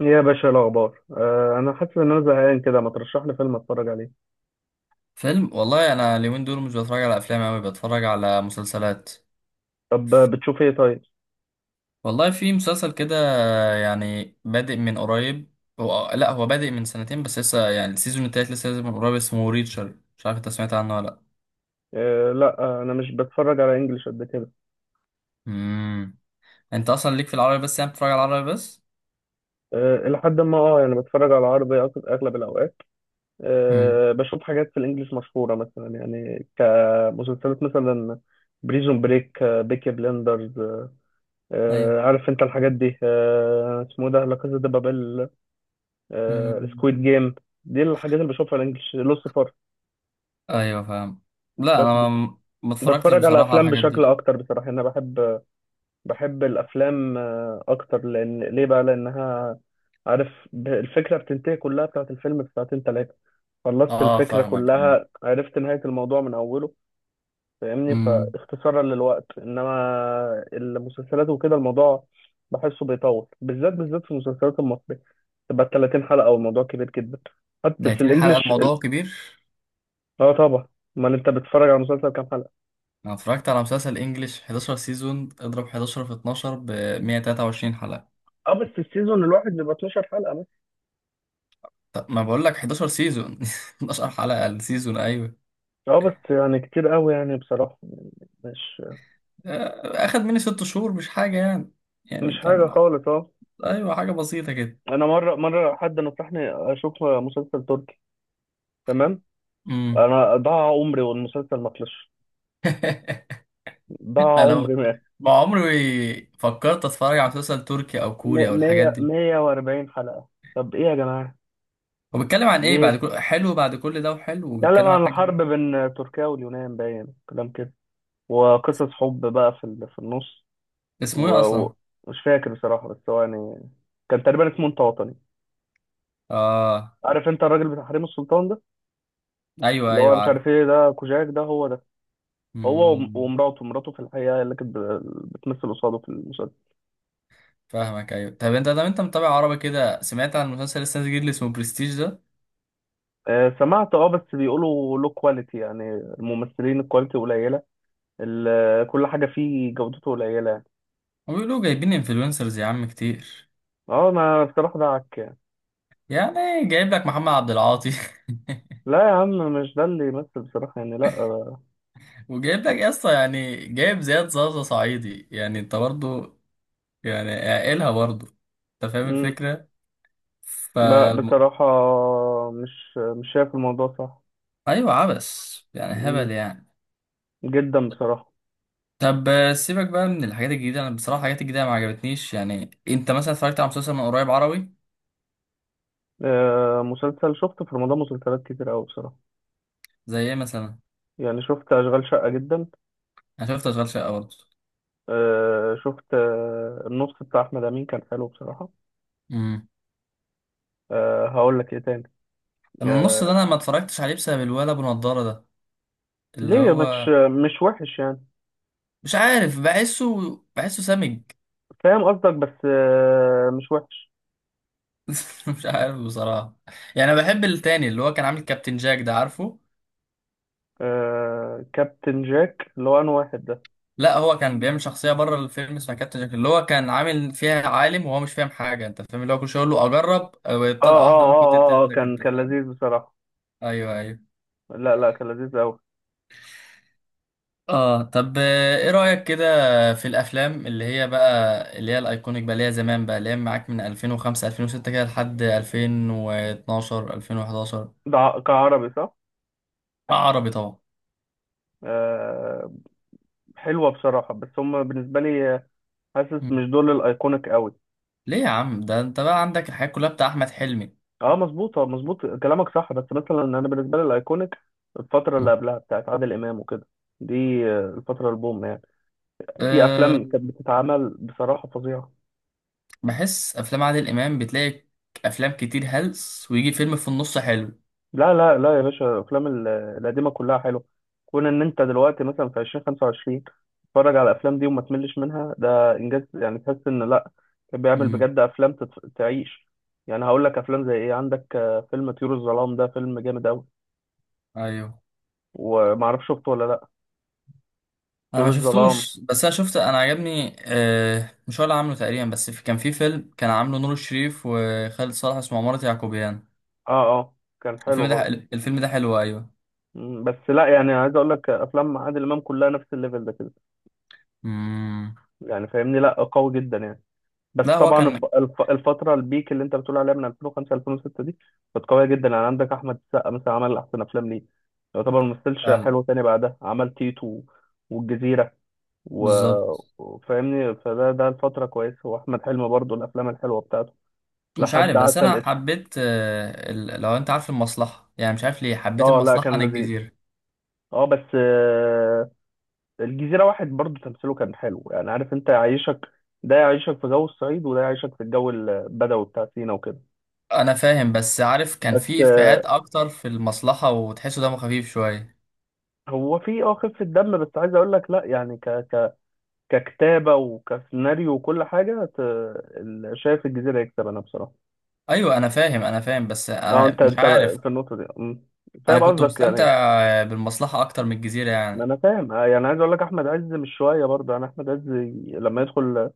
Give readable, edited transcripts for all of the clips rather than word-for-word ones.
يا باشا، إيه الاخبار؟ انا حاسس ان انا زهقان كده، ما ترشح لي فيلم اتفرج عليه. فيلم، والله انا اليومين دول مش بتفرج على افلام اوي، بتفرج على مسلسلات. طب، بتشوف ايه طيب؟ والله في مسلسل كده يعني بادئ من قريب. هو لا هو بادئ من سنتين، بس لسه يعني السيزون التالت لسه نازل من قريب. اسمه ريتشر، مش عارف انت سمعت عنه ولا لا؟ لا، انا مش بتفرج على انجليش قد كده. امم. انت اصلا ليك في العربي بس، يعني بتتفرج على العربي بس؟ الى حد ما، يعني بتفرج على عربي، اغلب الاوقات. امم. بشوف حاجات في الانجليش مشهوره، مثلا يعني كمسلسلات مثلا. بريزون بريك، بيكي بلندرز. ايوه. عارف انت الحاجات دي، اسمه إيه ده، لا كازا دي بابيل. امم. سكويد جيم. دي الحاجات اللي بشوفها الانجليش، لوسيفر ايوه، فاهم. لا، بس. انا ما اتفرجتش بتفرج على بصراحة على افلام الحاجات بشكل دي. اكتر بصراحه، انا بحب الافلام اكتر. لان ليه بقى؟ لانها، عارف، الفكره بتنتهي كلها بتاعت الفيلم في ساعتين ثلاثه. خلصت اه، الفكره فاهمك، ايوه. كلها، عرفت نهايه الموضوع من اوله. فاهمني، امم. فاختصارا للوقت. انما المسلسلات وكده، الموضوع بحسه بيطول، بالذات بالذات في المسلسلات المصريه، تبقى 30 حلقه والموضوع كبير جدا. بس 30 حلقة الانجليش الموضوع كبير. اه طبعا. امال انت بتتفرج على مسلسل كام حلقه؟ انا اتفرجت على مسلسل انجليش 11 سيزون، اضرب 11 في 12 ب 123 حلقة. اه بس السيزون الواحد بيبقى 12 حلقه. طب ما بقول لك 11 سيزون 12 حلقة السيزون، ايوه. اه بس يعني كتير قوي، يعني بصراحة. مش آه، اخد مني 6 شهور، مش حاجة يعني. مش يعني حاجة كان، خالص اه ايوه، حاجة بسيطة كده. انا مرة مرة حد نصحني اشوف مسلسل تركي. تمام. امم. انا ضاع عمري والمسلسل ما خلصش. ضاع انا عمري ما عمري فكرت اتفرج على مسلسل تركي او كوري او الحاجات مية دي. مية واربعين حلقة. طب ايه يا جماعة؟ هو بيتكلم عن ايه؟ بعد ليه؟ كل حلو، بعد كل ده وحلو، اتكلم وبيتكلم عن عن حاجة. الحرب بين تركيا واليونان، باين كلام كده، وقصص حب بقى في النص. اسمه ايه اصلا؟ ومش فاكر بصراحة، بس هو يعني كان تقريبا اسمه انت وطني. اه، عارف انت الراجل بتاع حريم السلطان ده؟ ايوه اللي هو مش ايوه، عارف ايه ده، كوجاك ده هو ده. هو عارف. ومراته في الحقيقة اللي كانت بتمثل قصاده في المسلسل. فاهمك ايوه. طب انت متابع عربي كده، سمعت عن مسلسل لسه نازل جديد اللي اسمه برستيج ده؟ سمعت، بس بيقولوا له كواليتي، يعني الممثلين الكواليتي قليلة. كل حاجة فيه جودته قليلة يعني. وبيقولوا جايبين انفلونسرز يا عم كتير. اه ما بصراحة ده عك يعني. يعني جايب لك محمد عبد العاطي. لا يا عم. مش ده اللي يمثل بصراحة يعني، لا وجايب لك يا اسطى، يعني جايب زياد زازا صعيدي، يعني انت برضه يعني عاقلها برضه. انت فاهم مم. الفكره؟ ف لا بصراحة، مش شايف الموضوع صح. ايوه، عبس يعني، هبل مم. يعني. جدا بصراحة. طب، سيبك بقى من الحاجات الجديده. انا بصراحه الحاجات الجديده ما عجبتنيش. يعني انت مثلا اتفرجت على مسلسل من قريب عربي؟ مسلسل شفت في رمضان مسلسلات كتير أوي بصراحة. زي ايه مثلا؟ يعني شفت أشغال شقة جدا. انا شفت اشغال شقه برضه. شفت، النص بتاع احمد امين كان حلو بصراحه. هقول لك ايه تاني. النص ده آه انا ما اتفرجتش عليه بسبب الولد ابو نضاره ده، اللي ليه؟ مش هو مش وحش يعني. مش عارف، بحسه سمج. فاهم قصدك، بس مش وحش. مش عارف بصراحه. يعني انا بحب التاني اللي هو كان عامل كابتن جاك ده، عارفه؟ كابتن جاك، اللي هو انا واحد ده. لا، هو كان بيعمل شخصيه بره الفيلم اسمها كابتن جاك، اللي هو كان عامل فيها عالم وهو مش فاهم حاجه، انت فاهم؟ اللي هو كل شويه يقول له اجرب، أو طلقه واحده ممكن تقتلك، كان انت كان فاهم؟ لذيذ بصراحه. ايوه ايوه. لا لا، كان لذيذ قوي. اه، طب، ايه رأيك كده في الافلام اللي هي بقى اللي هي الايكونيك بقى، اللي هي زمان بقى، اللي هي معاك من 2005 2006 كده لحد 2012 2011؟ ده كعربي صح. عربي طبعا. آه. حلوه بصراحه، بس هم بالنسبه لي، حاسس مم. مش دول الايكونيك قوي. ليه يا عم؟ ده انت بقى عندك الحاجات كلها بتاع احمد حلمي. اه مظبوط، مظبوط، كلامك صح، بس مثلا انا بالنسبه لي الايكونيك الفتره اللي مم. قبلها بتاعت عادل امام وكده. دي، الفتره البوم يعني. في أه. افلام كانت بتتعمل بصراحه فظيعه. بحس افلام عادل امام بتلاقي افلام كتير هلس ويجي فيلم في النص حلو. لا لا لا يا باشا، الافلام القديمه كلها حلوه. كون ان انت دلوقتي مثلا في 2025 تتفرج على الافلام دي وما تملش منها، ده انجاز يعني، تحس ان لا، كان بيعمل مم. بجد افلام تعيش. يعني هقول لك افلام زي ايه، عندك فيلم طيور الظلام، ده فيلم جامد قوي. ايوه، ومعرفش شفته ولا لا. انا طيور ما الظلام. شفتوش. بس انا شفت، انا عجبني، مش هو اللي عامله تقريبا، بس كان في فيلم كان عامله نور الشريف وخالد صالح اسمه عمارة يعقوبيان. اه اه. كان الفيلم حلو ده برضه. الفيلم ده حلو، ايوه. بس لا يعني، عايز اقول لك افلام عادل امام كلها نفس الليفل ده كده. مم. يعني فاهمني، لا قوي جدا يعني. بس لا هو طبعا كان. الفتره البيك اللي انت بتقول عليها، من 2005 2006 دي، كانت قويه جدا، يعني عندك احمد السقا مثلا عمل احسن افلام ليه. يعتبر ما مثلش فعلا، حلو تاني بعدها، عمل تيتو والجزيره، بالظبط. وفاهمني، فده الفتره كويسه، واحمد حلمي برضه الافلام الحلوه بتاعته مش لحد عارف، بس عسل انا اسود. حبيت لو انت عارف المصلحة، يعني مش عارف ليه حبيت اه لا، المصلحة كان عن لذيذ. الجزيرة. اه بس الجزيرة واحد برضو تمثيله كان حلو، يعني عارف انت يعيشك، ده يعيشك في جو الصعيد، وده يعيشك في الجو البدوي بتاع سينا وكده. انا فاهم، بس عارف كان بس، في افيهات اكتر في المصلحة، وتحسه دمه خفيف شوية. هو في خفة دم، بس عايز اقول لك لا يعني، ك ك ككتابة وكسيناريو وكل حاجة شايف الجزيرة يكسب انا بصراحة. ايوه انا فاهم، بس اه انا انت مش انت عارف. في النقطة دي. مم. انا فاهم كنت قصدك يعني مستمتع إيه؟ بالمصلحة اكتر من الجزيرة ما يعني. انا فاهم، يعني عايز اقول لك احمد عز مش شوية برضه، يعني احمد عز، لما يدخل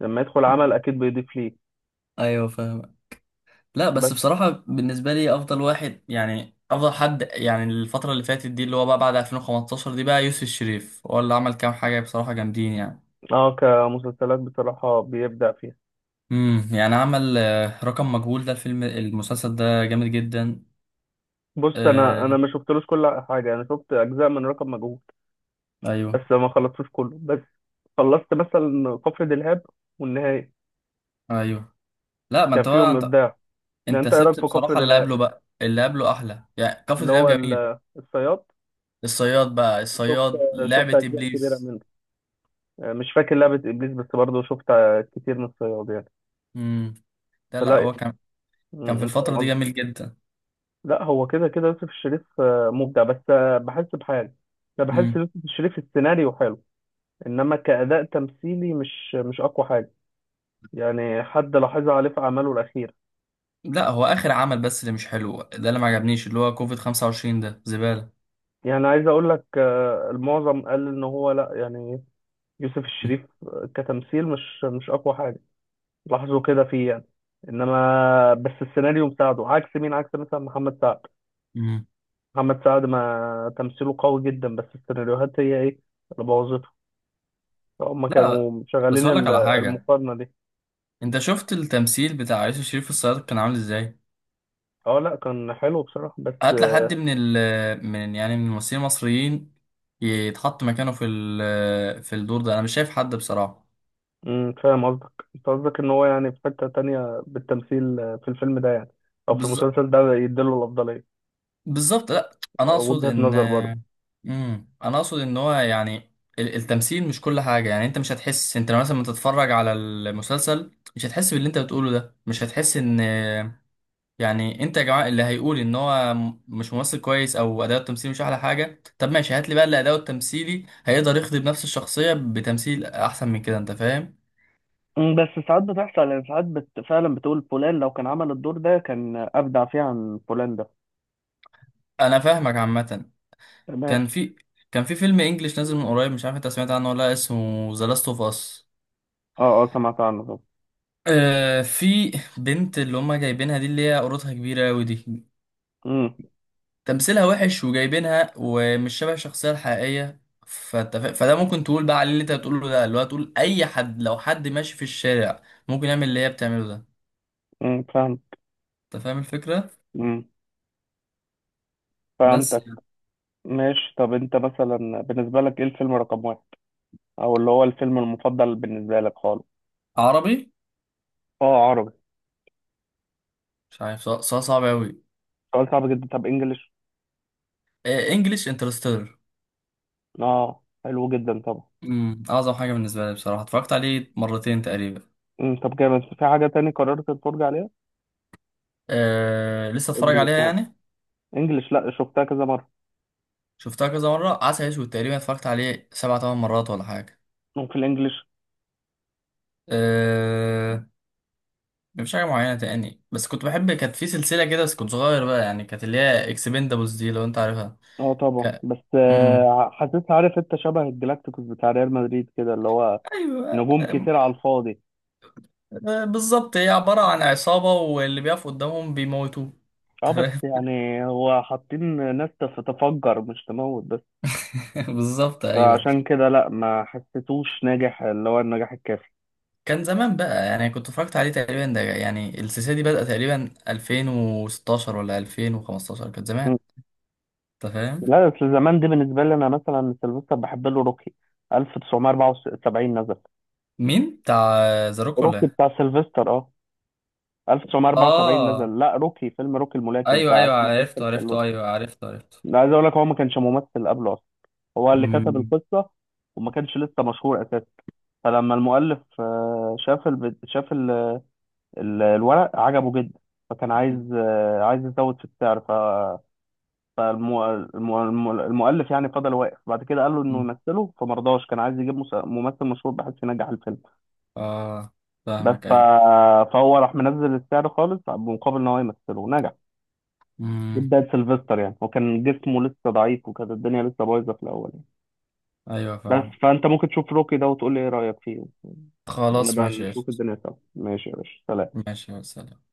لما يدخل عمل مم. اكيد بيضيف ليه. ايوه فاهم. لا، بس بس بصراحه بالنسبه لي افضل واحد، يعني افضل حد يعني الفتره اللي فاتت دي اللي هو بقى بعد 2015 دي، بقى يوسف الشريف هو اللي عمل كام حاجه بصراحه جامدين يعني. اه كمسلسلات بصراحة بيبدع فيها. يعني عمل رقم مجهول ده، المسلسل ده جامد جدا. بص، انا آه، انا ما شفتلوش كل حاجه، انا شفت اجزاء من رقم مجهول. ايوه بس ما خلصتوش كله، بس خلصت مثلا كفر دلهاب والنهايه. ايوه. لا، ما كان انت بقى فيهم انت، ابداع. يعني انت انت ايه رايك سبت في كفر بصراحه اللي دلهاب؟ قبله، بقى اللي قبله احلى يعني، كفر اللي دلهاب هو جميل. الصياد. الصياد بقى، شفت الصياد، شفت لعبه اجزاء كبيره ابليس. منه. يعني مش فاكر لعبه ابليس، بس برضه شفت كتير من الصياد يعني. لا لا، فلا هو يعني، كان في فاهم الفترة دي قصدي. جميل جدا. لا، هو كده كده يوسف الشريف مبدع، بس بحس بحاجه. انا بحس مم. يوسف الشريف السيناريو حلو، انما كاداء تمثيلي مش اقوى حاجه. يعني حد لاحظها عليه في أعماله الأخيرة. لا، هو آخر عمل بس اللي مش حلو، ده اللي ما عجبنيش، اللي هو كوفيد 25 ده زبالة. يعني عايز أقول لك، المعظم قال إن هو لأ يعني. يوسف مم. الشريف كتمثيل مش أقوى حاجة، لاحظوا كده فيه يعني. إنما بس السيناريو مساعده، عكس مين؟ عكس مثلا محمد سعد. مم. محمد سعد ما تمثيله قوي جدا، بس السيناريوهات هي إيه اللي بوظته. فهم لا، كانوا بس شغالين، أقول لك على حاجة. المقارنة دي. أنت شفت التمثيل بتاع يوسف شريف في الصياد كان عامل إزاي؟ اه لا، كان حلو بصراحة بس. هات لحد من ال من يعني من الممثلين المصريين يتحط مكانه في الدور ده، أنا مش شايف حد بصراحة. فاهم قصدك، انت قصدك ان هو يعني في حتة تانية بالتمثيل، في الفيلم ده يعني، او في بز... المسلسل ده، يديله الافضلية. بالظبط، لا، انا اقصد وجهة ان، نظر برضه. انا اقصد ان هو يعني التمثيل مش كل حاجه. يعني انت مش هتحس، انت لما تتفرج على المسلسل مش هتحس باللي انت بتقوله ده، مش هتحس ان، يعني انت يا جماعه اللي هيقول ان هو مش ممثل كويس او اداؤه التمثيلي مش احلى حاجه، طب ماشي، هات لي بقى اللي اداؤه التمثيلي هيقدر يخدم نفس الشخصيه بتمثيل احسن من كده، انت فاهم؟ بس ساعات بتحصل، يعني ساعات فعلا بتقول فلان لو كان عمل الدور ده كان أبدع فيه عن فلان ده. انا فاهمك عامه. تمام. كان في كان في فيلم انجليش نازل من قريب، مش عارف انت سمعت عنه ولا لأ، اسمه ذا لاست اوف اس. اه، اه سمعت عنه طبعا. آه، في بنت اللي هما جايبينها دي، اللي هي قرطها كبيرة أوي دي، امم. تمثيلها وحش وجايبينها ومش شبه الشخصية الحقيقية، فده ممكن تقول بقى عليه اللي انت بتقوله ده، اللي هو تقول أي حد لو حد ماشي في الشارع ممكن يعمل اللي هي بتعمله ده. فاهم. أنت فاهم الفكرة؟ امم بس فهمتك. يعني. ماشي، طب انت مثلا بالنسبة لك ايه الفيلم رقم واحد، او اللي هو الفيلم المفضل بالنسبة لك خالص؟ عربي. اه عربي. مش عارف، سؤال صعب أوي. سؤال صعب جدا. طب انجلش؟ آه، إنجليش، انترستيلر. اه حلو جدا طبعا. أعظم حاجة بالنسبة لي بصراحة، اتفرجت عليه مرتين تقريبا. طب جامد، في حاجة تاني قررت تتفرج عليها؟ آه، لسه اتفرج انجلش عليها يعني. يعني. انجلش لا، شفتها كذا مرة. شفتها كذا مرة. عسل أسود تقريبا اتفرجت عليه سبع تمن مرات ولا حاجة. وفي الانجلش؟ أه... مش حاجة معينة تاني، بس كنت بحب، كانت في سلسلة كده بس كنت صغير بقى يعني، كانت اللي هي اكسبندابلز دي، لو انت عارفها. اه طبعا، ك... بس مم. حسيت، عارف انت شبه الجلاكتيكوس بتاع ريال مدريد كده، اللي هو ايوه، نجوم كتير على الفاضي. آه، بالظبط، هي عبارة عن عصابة واللي بيقف قدامهم بيموتوه. اه أنت بس فاهم؟ يعني هو حاطين ناس تفجر مش تموت بس. بالظبط ايوه. فعشان كده لا، ما حسيتوش ناجح، اللي هو النجاح الكافي. كان زمان بقى يعني، كنت اتفرجت عليه تقريبا، ده يعني السلسله دي بدأت تقريبا 2016 ولا 2015، كانت مم. زمان. انت فاهم. لا بس زمان دي بالنسبة لي، انا مثلا سيلفستر بحب له روكي، 1974 نزل. مين بتاع ذا روك ولا روكي إيه؟ بتاع سيلفستر. 1974 اه نزل، لا روكي فيلم، روكي الملاكم ايوه بتاع ايوه، عاصم كاستر عرفته سالون. عرفته، ايوه عرفته عرفته. لا، عايز اقول لك هو ما كانش ممثل قبله اصلا، هو اللي كتب مم. القصه، وما كانش لسه مشهور اساسا. فلما المؤلف شاف شاف الورق عجبه جدا، فكان عايز يزود في السعر. ف فالمؤ... الم- الم- المؤلف يعني فضل واقف بعد كده، قال له انه مم. يمثله فمرضاش، كان عايز يجيب ممثل مشهور بحيث ينجح الفيلم. اه، بس فاهمك ف... ايوه. فهو راح منزل السعر خالص مقابل ان هو يمثله، نجح. دي مم. بداية سيلفستر، يعني هو كان جسمه لسه ضعيف، وكانت الدنيا لسه بايظة في الأول يعني. ايوه بس فاهم. فأنت ممكن تشوف روكي ده وتقول لي إيه رأيك فيه، خلاص، ونبقى ماشي يا أخي. نشوف الدنيا سوا. ماشي يا باشا، سلام. ماشي يا سلام.